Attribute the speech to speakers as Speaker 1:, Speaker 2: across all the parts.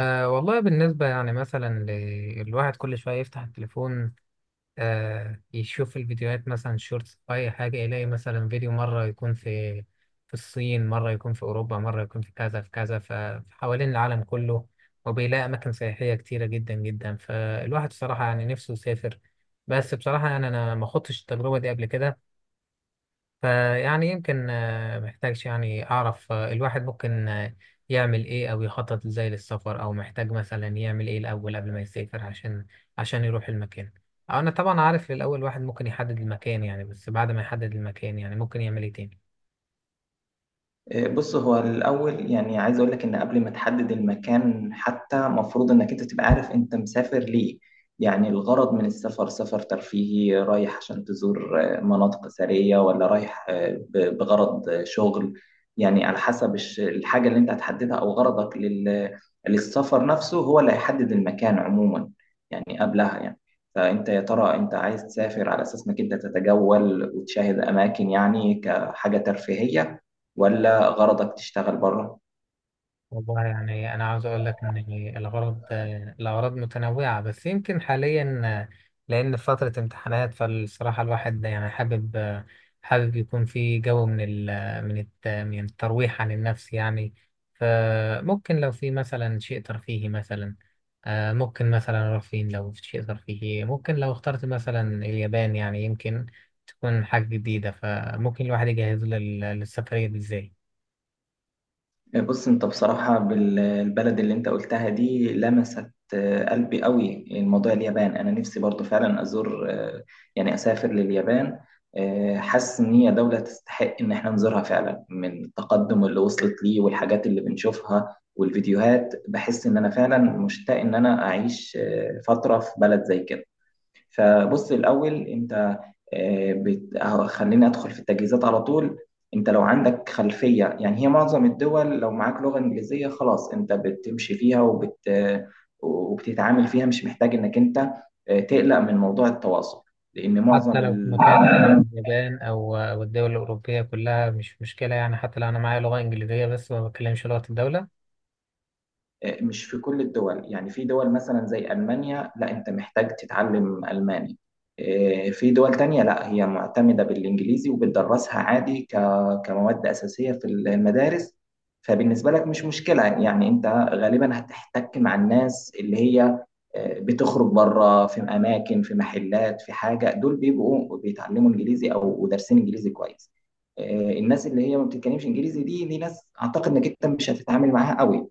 Speaker 1: أه والله بالنسبة يعني مثلا الواحد كل شوية يفتح التليفون، أه يشوف الفيديوهات مثلا شورتس أو أي حاجة، يلاقي مثلا فيديو مرة يكون في الصين، مرة يكون في أوروبا، مرة يكون في كذا في كذا، فحوالين العالم كله وبيلاقي أماكن سياحية كتيرة جدا جدا. فالواحد بصراحة يعني نفسه يسافر، بس بصراحة يعني أنا ما خضتش التجربة دي قبل كده. فيعني يمكن محتاجش يعني أعرف الواحد ممكن يعمل إيه أو يخطط إزاي للسفر، أو محتاج مثلا يعمل إيه الأول قبل ما يسافر عشان يروح المكان. أنا طبعا عارف الأول الواحد ممكن يحدد المكان يعني، بس بعد ما يحدد المكان يعني ممكن يعمل إيه تاني؟
Speaker 2: بص، هو الأول يعني عايز أقول لك إن قبل ما تحدد المكان حتى مفروض إنك أنت تبقى عارف أنت مسافر ليه. يعني الغرض من السفر، سفر ترفيهي رايح عشان تزور مناطق أثرية، ولا رايح بغرض شغل. يعني على حسب الحاجة اللي أنت هتحددها أو غرضك للسفر نفسه، هو اللي هيحدد المكان عموما يعني، قبلها يعني. فأنت يا ترى أنت عايز تسافر على أساس إنك أنت تتجول وتشاهد أماكن، يعني كحاجة ترفيهية، ولا غرضك تشتغل بره؟
Speaker 1: والله يعني أنا عاوز أقول لك إن الغرض، الأغراض متنوعة، بس يمكن حاليا لأن فترة امتحانات، فالصراحة الواحد يعني حابب حابب يكون في جو من ال من الت من الترويح عن النفس يعني. فممكن لو في مثلا شيء ترفيهي مثلا، آه، ممكن مثلا رفين، لو في شيء ترفيهي ممكن لو اخترت مثلا اليابان يعني يمكن تكون حاجة جديدة. فممكن الواحد يجهز للسفرية دي إزاي؟
Speaker 2: بص، انت بصراحة البلد اللي انت قلتها دي لمست قلبي قوي. الموضوع اليابان، انا نفسي برضو فعلا ازور، يعني اسافر لليابان. حاسس ان هي دولة تستحق ان احنا نزورها فعلا، من التقدم اللي وصلت ليه والحاجات اللي بنشوفها والفيديوهات بحس ان انا فعلا مشتاق ان انا اعيش فترة في بلد زي كده. فبص، الاول انت أهو خليني ادخل في التجهيزات على طول. انت لو عندك خلفيه يعني، هي معظم الدول لو معاك لغه انجليزيه خلاص انت بتمشي فيها وبتتعامل فيها، مش محتاج انك انت تقلق من موضوع التواصل، لان
Speaker 1: حتى
Speaker 2: معظم
Speaker 1: لو في مكان من اليابان أو الدول الأوروبية كلها مش مشكلة يعني، حتى لو أنا معايا لغة إنجليزية بس ما بتكلمش لغة الدولة.
Speaker 2: مش في كل الدول. يعني في دول مثلا زي ألمانيا، لا، أنت محتاج تتعلم ألماني. إيه، في دول تانية لا، هي معتمدة بالإنجليزي وبتدرسها عادي كمواد أساسية في المدارس. فبالنسبة لك مش مشكلة، يعني أنت غالبا هتحتك مع الناس اللي هي بتخرج بره، في أماكن، في محلات، في حاجة. دول بيبقوا بيتعلموا إنجليزي أو دارسين إنجليزي كويس. الناس اللي هي ما بتتكلمش إنجليزي دي، ناس أعتقد إنك أنت مش هتتعامل معاها قوي.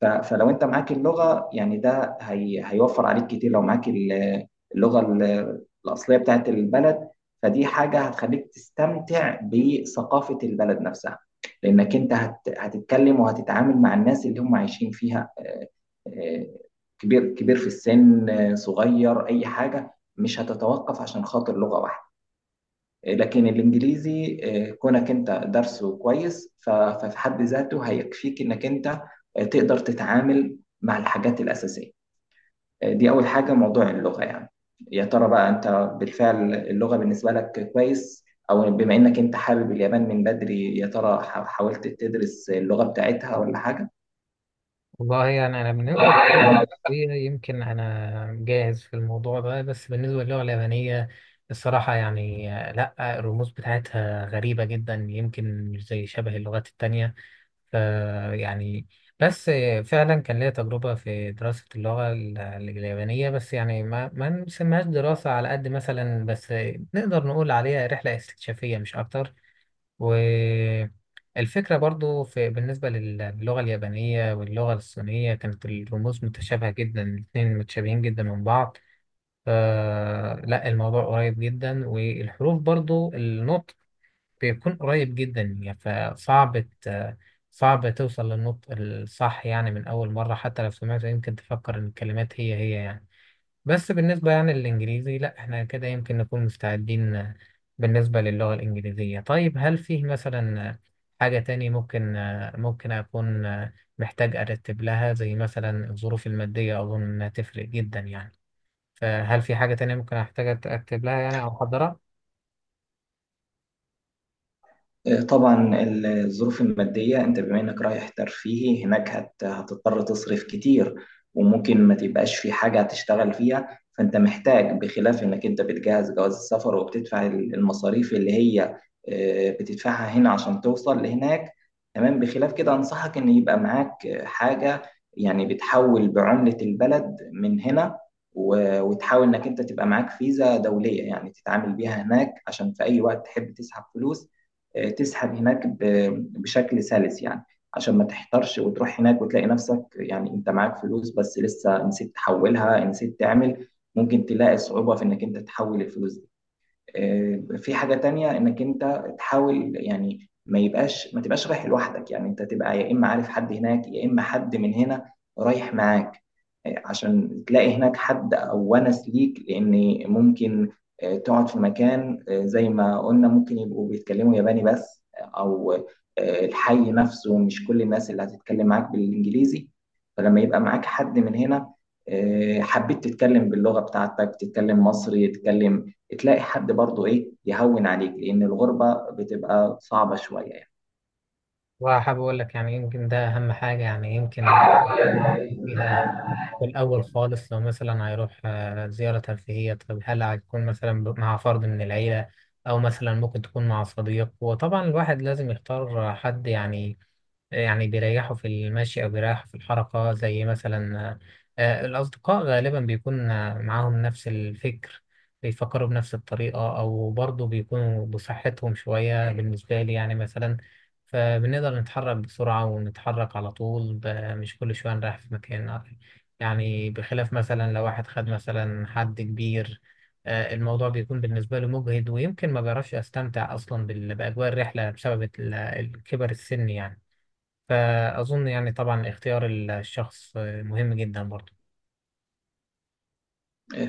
Speaker 2: فلو انت معاك اللغه يعني، ده هي هيوفر عليك كتير. لو معاك اللغه الاصليه بتاعت البلد، فدي حاجه هتخليك تستمتع بثقافه البلد نفسها، لانك انت هتتكلم وهتتعامل مع الناس اللي هم عايشين فيها، آه، كبير كبير في السن، صغير، اي حاجه. مش هتتوقف عشان خاطر لغه واحده. إيه، لكن الانجليزي كونك انت درسه كويس ففي حد ذاته هيكفيك انك انت تقدر تتعامل مع الحاجات الاساسيه. دي اول حاجه، موضوع اللغه يعني. يا ترى بقى، انت بالفعل اللغه بالنسبه لك كويس؟ او بما انك انت حابب اليابان من بدري، يا ترى حاولت تدرس اللغه بتاعتها ولا حاجه؟
Speaker 1: والله يعني أنا بالنسبة للغة الإنجليزية يمكن أنا جاهز في الموضوع ده، بس بالنسبة للغة اليابانية الصراحة يعني آه، لأ، الرموز بتاعتها غريبة جدا، يمكن مش زي شبه اللغات التانية. ف- يعني، بس فعلا كان ليا تجربة في دراسة اللغة اليابانية، بس يعني ما نسميهاش دراسة على قد مثلا، بس نقدر نقول عليها رحلة استكشافية مش أكتر. والفكرة برضو في بالنسبة للغة اليابانية واللغة الصينية، كانت الرموز متشابهة جدا، الاتنين متشابهين جدا من بعض. فلا الموضوع قريب جدا، والحروف برضو النطق بيكون قريب جدا يعني. فصعب صعب توصل للنطق الصح يعني من أول مرة، حتى لو سمعته يمكن تفكر إن الكلمات هي هي يعني. بس بالنسبة يعني للإنجليزي لأ، إحنا كده يمكن نكون مستعدين بالنسبة للغة الإنجليزية. طيب هل فيه مثلا حاجة تاني ممكن، ممكن أكون محتاج أرتب لها، زي مثلا الظروف المادية أظن إنها تفرق جدا يعني؟ فهل في حاجة تانية ممكن أحتاج أرتب لها يعني أو أحضرها؟
Speaker 2: طبعا، الظروف المادية، انت بما انك رايح ترفيهي هناك هتضطر تصرف كتير، وممكن ما تبقاش في حاجة هتشتغل فيها. فانت محتاج، بخلاف انك انت بتجهز جواز السفر وبتدفع المصاريف اللي هي بتدفعها هنا عشان توصل لهناك، تمام، بخلاف كده انصحك ان يبقى معاك حاجة، يعني بتحول بعملة البلد من هنا، وتحاول انك انت تبقى معاك فيزا دولية يعني تتعامل بيها هناك، عشان في اي وقت تحب تسحب فلوس، تسحب هناك بشكل سلس يعني، عشان ما تحترش وتروح هناك وتلاقي نفسك يعني انت معاك فلوس بس لسه نسيت تحولها، نسيت تعمل. ممكن تلاقي صعوبة في انك انت تحول الفلوس دي. في حاجة تانية، انك انت تحاول يعني ما تبقاش رايح لوحدك. يعني انت تبقى يا اما عارف حد هناك، يا اما حد من هنا رايح معاك، عشان تلاقي هناك حد او ونس ليك. لان ممكن تقعد في مكان زي ما قلنا ممكن يبقوا بيتكلموا ياباني بس، او الحي نفسه مش كل الناس اللي هتتكلم معاك بالانجليزي. فلما يبقى معاك حد من هنا، حبيت تتكلم باللغة بتاعتك، تتكلم مصري، تتكلم، تلاقي حد برضه، ايه، يهون عليك، لان الغربه بتبقى صعبه شويه
Speaker 1: وحابب أقول لك يعني، يمكن ده أهم حاجة يعني، يمكن اللي
Speaker 2: يعني.
Speaker 1: فيها في الأول خالص، لو مثلا هيروح آه، زيارة ترفيهية، طب هل هيكون مثلا مع فرد من العيلة، أو مثلا ممكن تكون مع صديق؟ وطبعا الواحد لازم يختار حد يعني، يعني بيريحوا في المشي أو بيريحوا في الحركة، زي مثلا آه، الأصدقاء غالبا بيكون آه، معاهم نفس الفكر، بيفكروا بنفس الطريقة، أو برضه بيكونوا بصحتهم شوية بالنسبة لي يعني مثلا. فبنقدر نتحرك بسرعة ونتحرك على طول مش كل شوية نريح في مكان يعني. بخلاف مثلا لو واحد خد مثلا حد كبير، آه، الموضوع بيكون بالنسبة له مجهد، ويمكن ما بيعرفش أستمتع أصلا بأجواء الرحلة بسبب الكبر السن يعني. فأظن يعني طبعا اختيار الشخص مهم جدا برضو.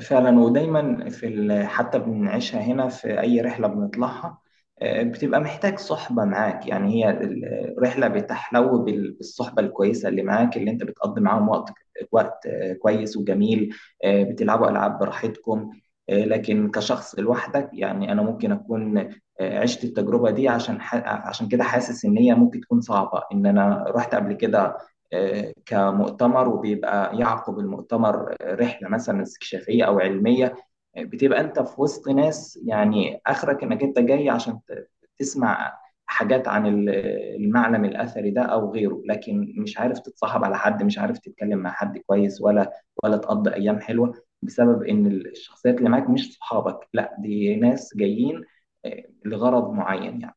Speaker 2: فعلا، ودايما في حتى بنعيشها هنا في اي رحله بنطلعها، بتبقى محتاج صحبه معاك. يعني هي الرحله بتحلو بالصحبه الكويسه اللي معاك، اللي انت بتقضي معاهم وقت كويس وجميل، بتلعبوا العاب براحتكم. لكن كشخص لوحدك، يعني انا ممكن اكون عشت التجربه دي، عشان عشان كده حاسس ان هي ممكن تكون صعبه. ان انا رحت قبل كده كمؤتمر، وبيبقى يعقب المؤتمر رحله مثلا استكشافيه او علميه، بتبقى انت في وسط ناس، يعني اخرك انك انت جاي عشان تسمع حاجات عن المعلم الاثري ده او غيره، لكن مش عارف تتصاحب على حد، مش عارف تتكلم مع حد كويس، ولا تقضي ايام حلوه، بسبب ان الشخصيات اللي معاك مش صحابك. لا، دي ناس جايين لغرض معين يعني.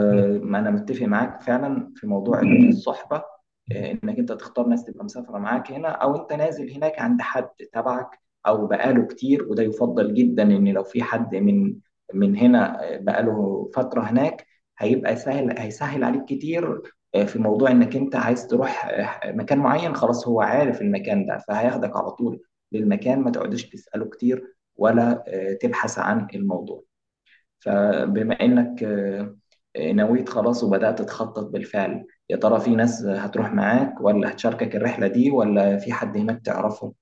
Speaker 1: أكيد.
Speaker 2: انا متفق معاك فعلا في موضوع الصحبه، انك انت تختار ناس تبقى مسافره معاك هنا، او انت نازل هناك عند حد تبعك او بقاله كتير. وده يفضل جدا، ان لو في حد من هنا بقاله فتره هناك، هيبقى سهل، هيسهل عليك كتير في موضوع انك انت عايز تروح مكان معين. خلاص، هو عارف المكان ده فهياخدك على طول للمكان، ما تقعدش تساله كتير، ولا تبحث عن الموضوع. فبما إنك نويت خلاص وبدأت تخطط بالفعل، يا ترى في ناس هتروح معاك ولا هتشاركك الرحلة دي، ولا في حد هناك تعرفه؟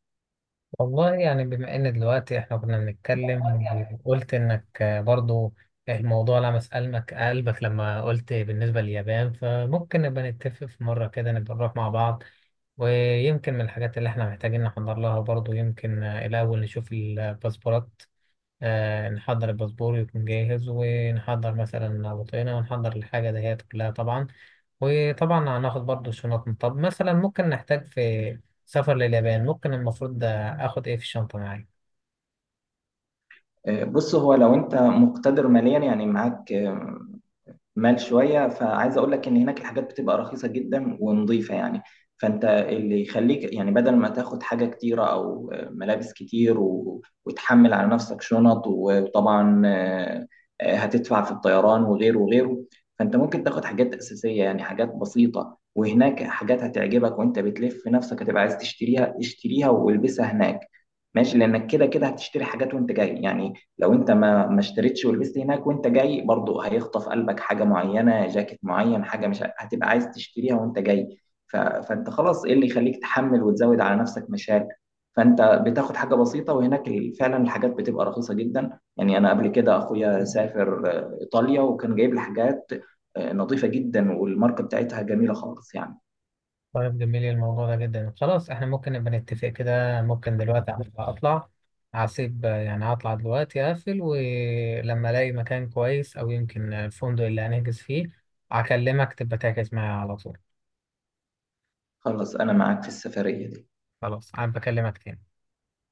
Speaker 1: والله يعني بما إن دلوقتي إحنا كنا بنتكلم وقلت إنك برضو الموضوع لمس قلبك، لما قلت بالنسبة لليابان، فممكن نبقى نتفق في مرة كده نبقى نروح مع بعض. ويمكن من الحاجات اللي إحنا محتاجين نحضر لها برضو، يمكن الأول نشوف الباسبورات، آه، نحضر الباسبور يكون جاهز، ونحضر مثلا بطاقنا، ونحضر الحاجة دهيت كلها طبعا. وطبعا هناخد برضو شنطنا. طب مثلا ممكن نحتاج في سفر لليابان، ممكن المفروض ده اخد ايه في الشنطة معايا؟
Speaker 2: بص، هو لو أنت مقتدر ماليا، يعني معاك مال شويه، فعايز اقول لك ان هناك الحاجات بتبقى رخيصه جدا ونظيفه يعني. فانت اللي يخليك يعني، بدل ما تاخد حاجه كتيره او ملابس كتير وتحمل على نفسك شنط وطبعا هتدفع في الطيران وغيره وغيره، فانت ممكن تاخد حاجات اساسيه يعني حاجات بسيطه، وهناك حاجات هتعجبك وانت بتلف في نفسك هتبقى عايز تشتريها، اشتريها والبسها هناك ماشي، لانك كده كده هتشتري حاجات وانت جاي يعني. لو انت ما اشتريتش ولبست هناك، وانت جاي برضو هيخطف قلبك حاجه معينه، جاكيت معين، حاجه مش هتبقى عايز تشتريها وانت جاي. فانت خلاص، ايه اللي يخليك تحمل وتزود على نفسك مشاكل؟ فانت بتاخد حاجه بسيطه، وهناك فعلا الحاجات بتبقى رخيصه جدا يعني. انا قبل كده اخويا سافر ايطاليا، وكان جايب لي حاجات نظيفه جدا، والماركه بتاعتها جميله خالص يعني.
Speaker 1: طيب جميل الموضوع ده جدا. خلاص احنا ممكن نبقى نتفق كده، ممكن دلوقتي اطلع، هسيب يعني هطلع دلوقتي اقفل، ولما الاقي مكان كويس او يمكن الفندق اللي هنحجز فيه هكلمك تبقى تحجز معايا على طول.
Speaker 2: خلاص، انا معاك في السفريه دي.
Speaker 1: خلاص انا بكلمك تاني.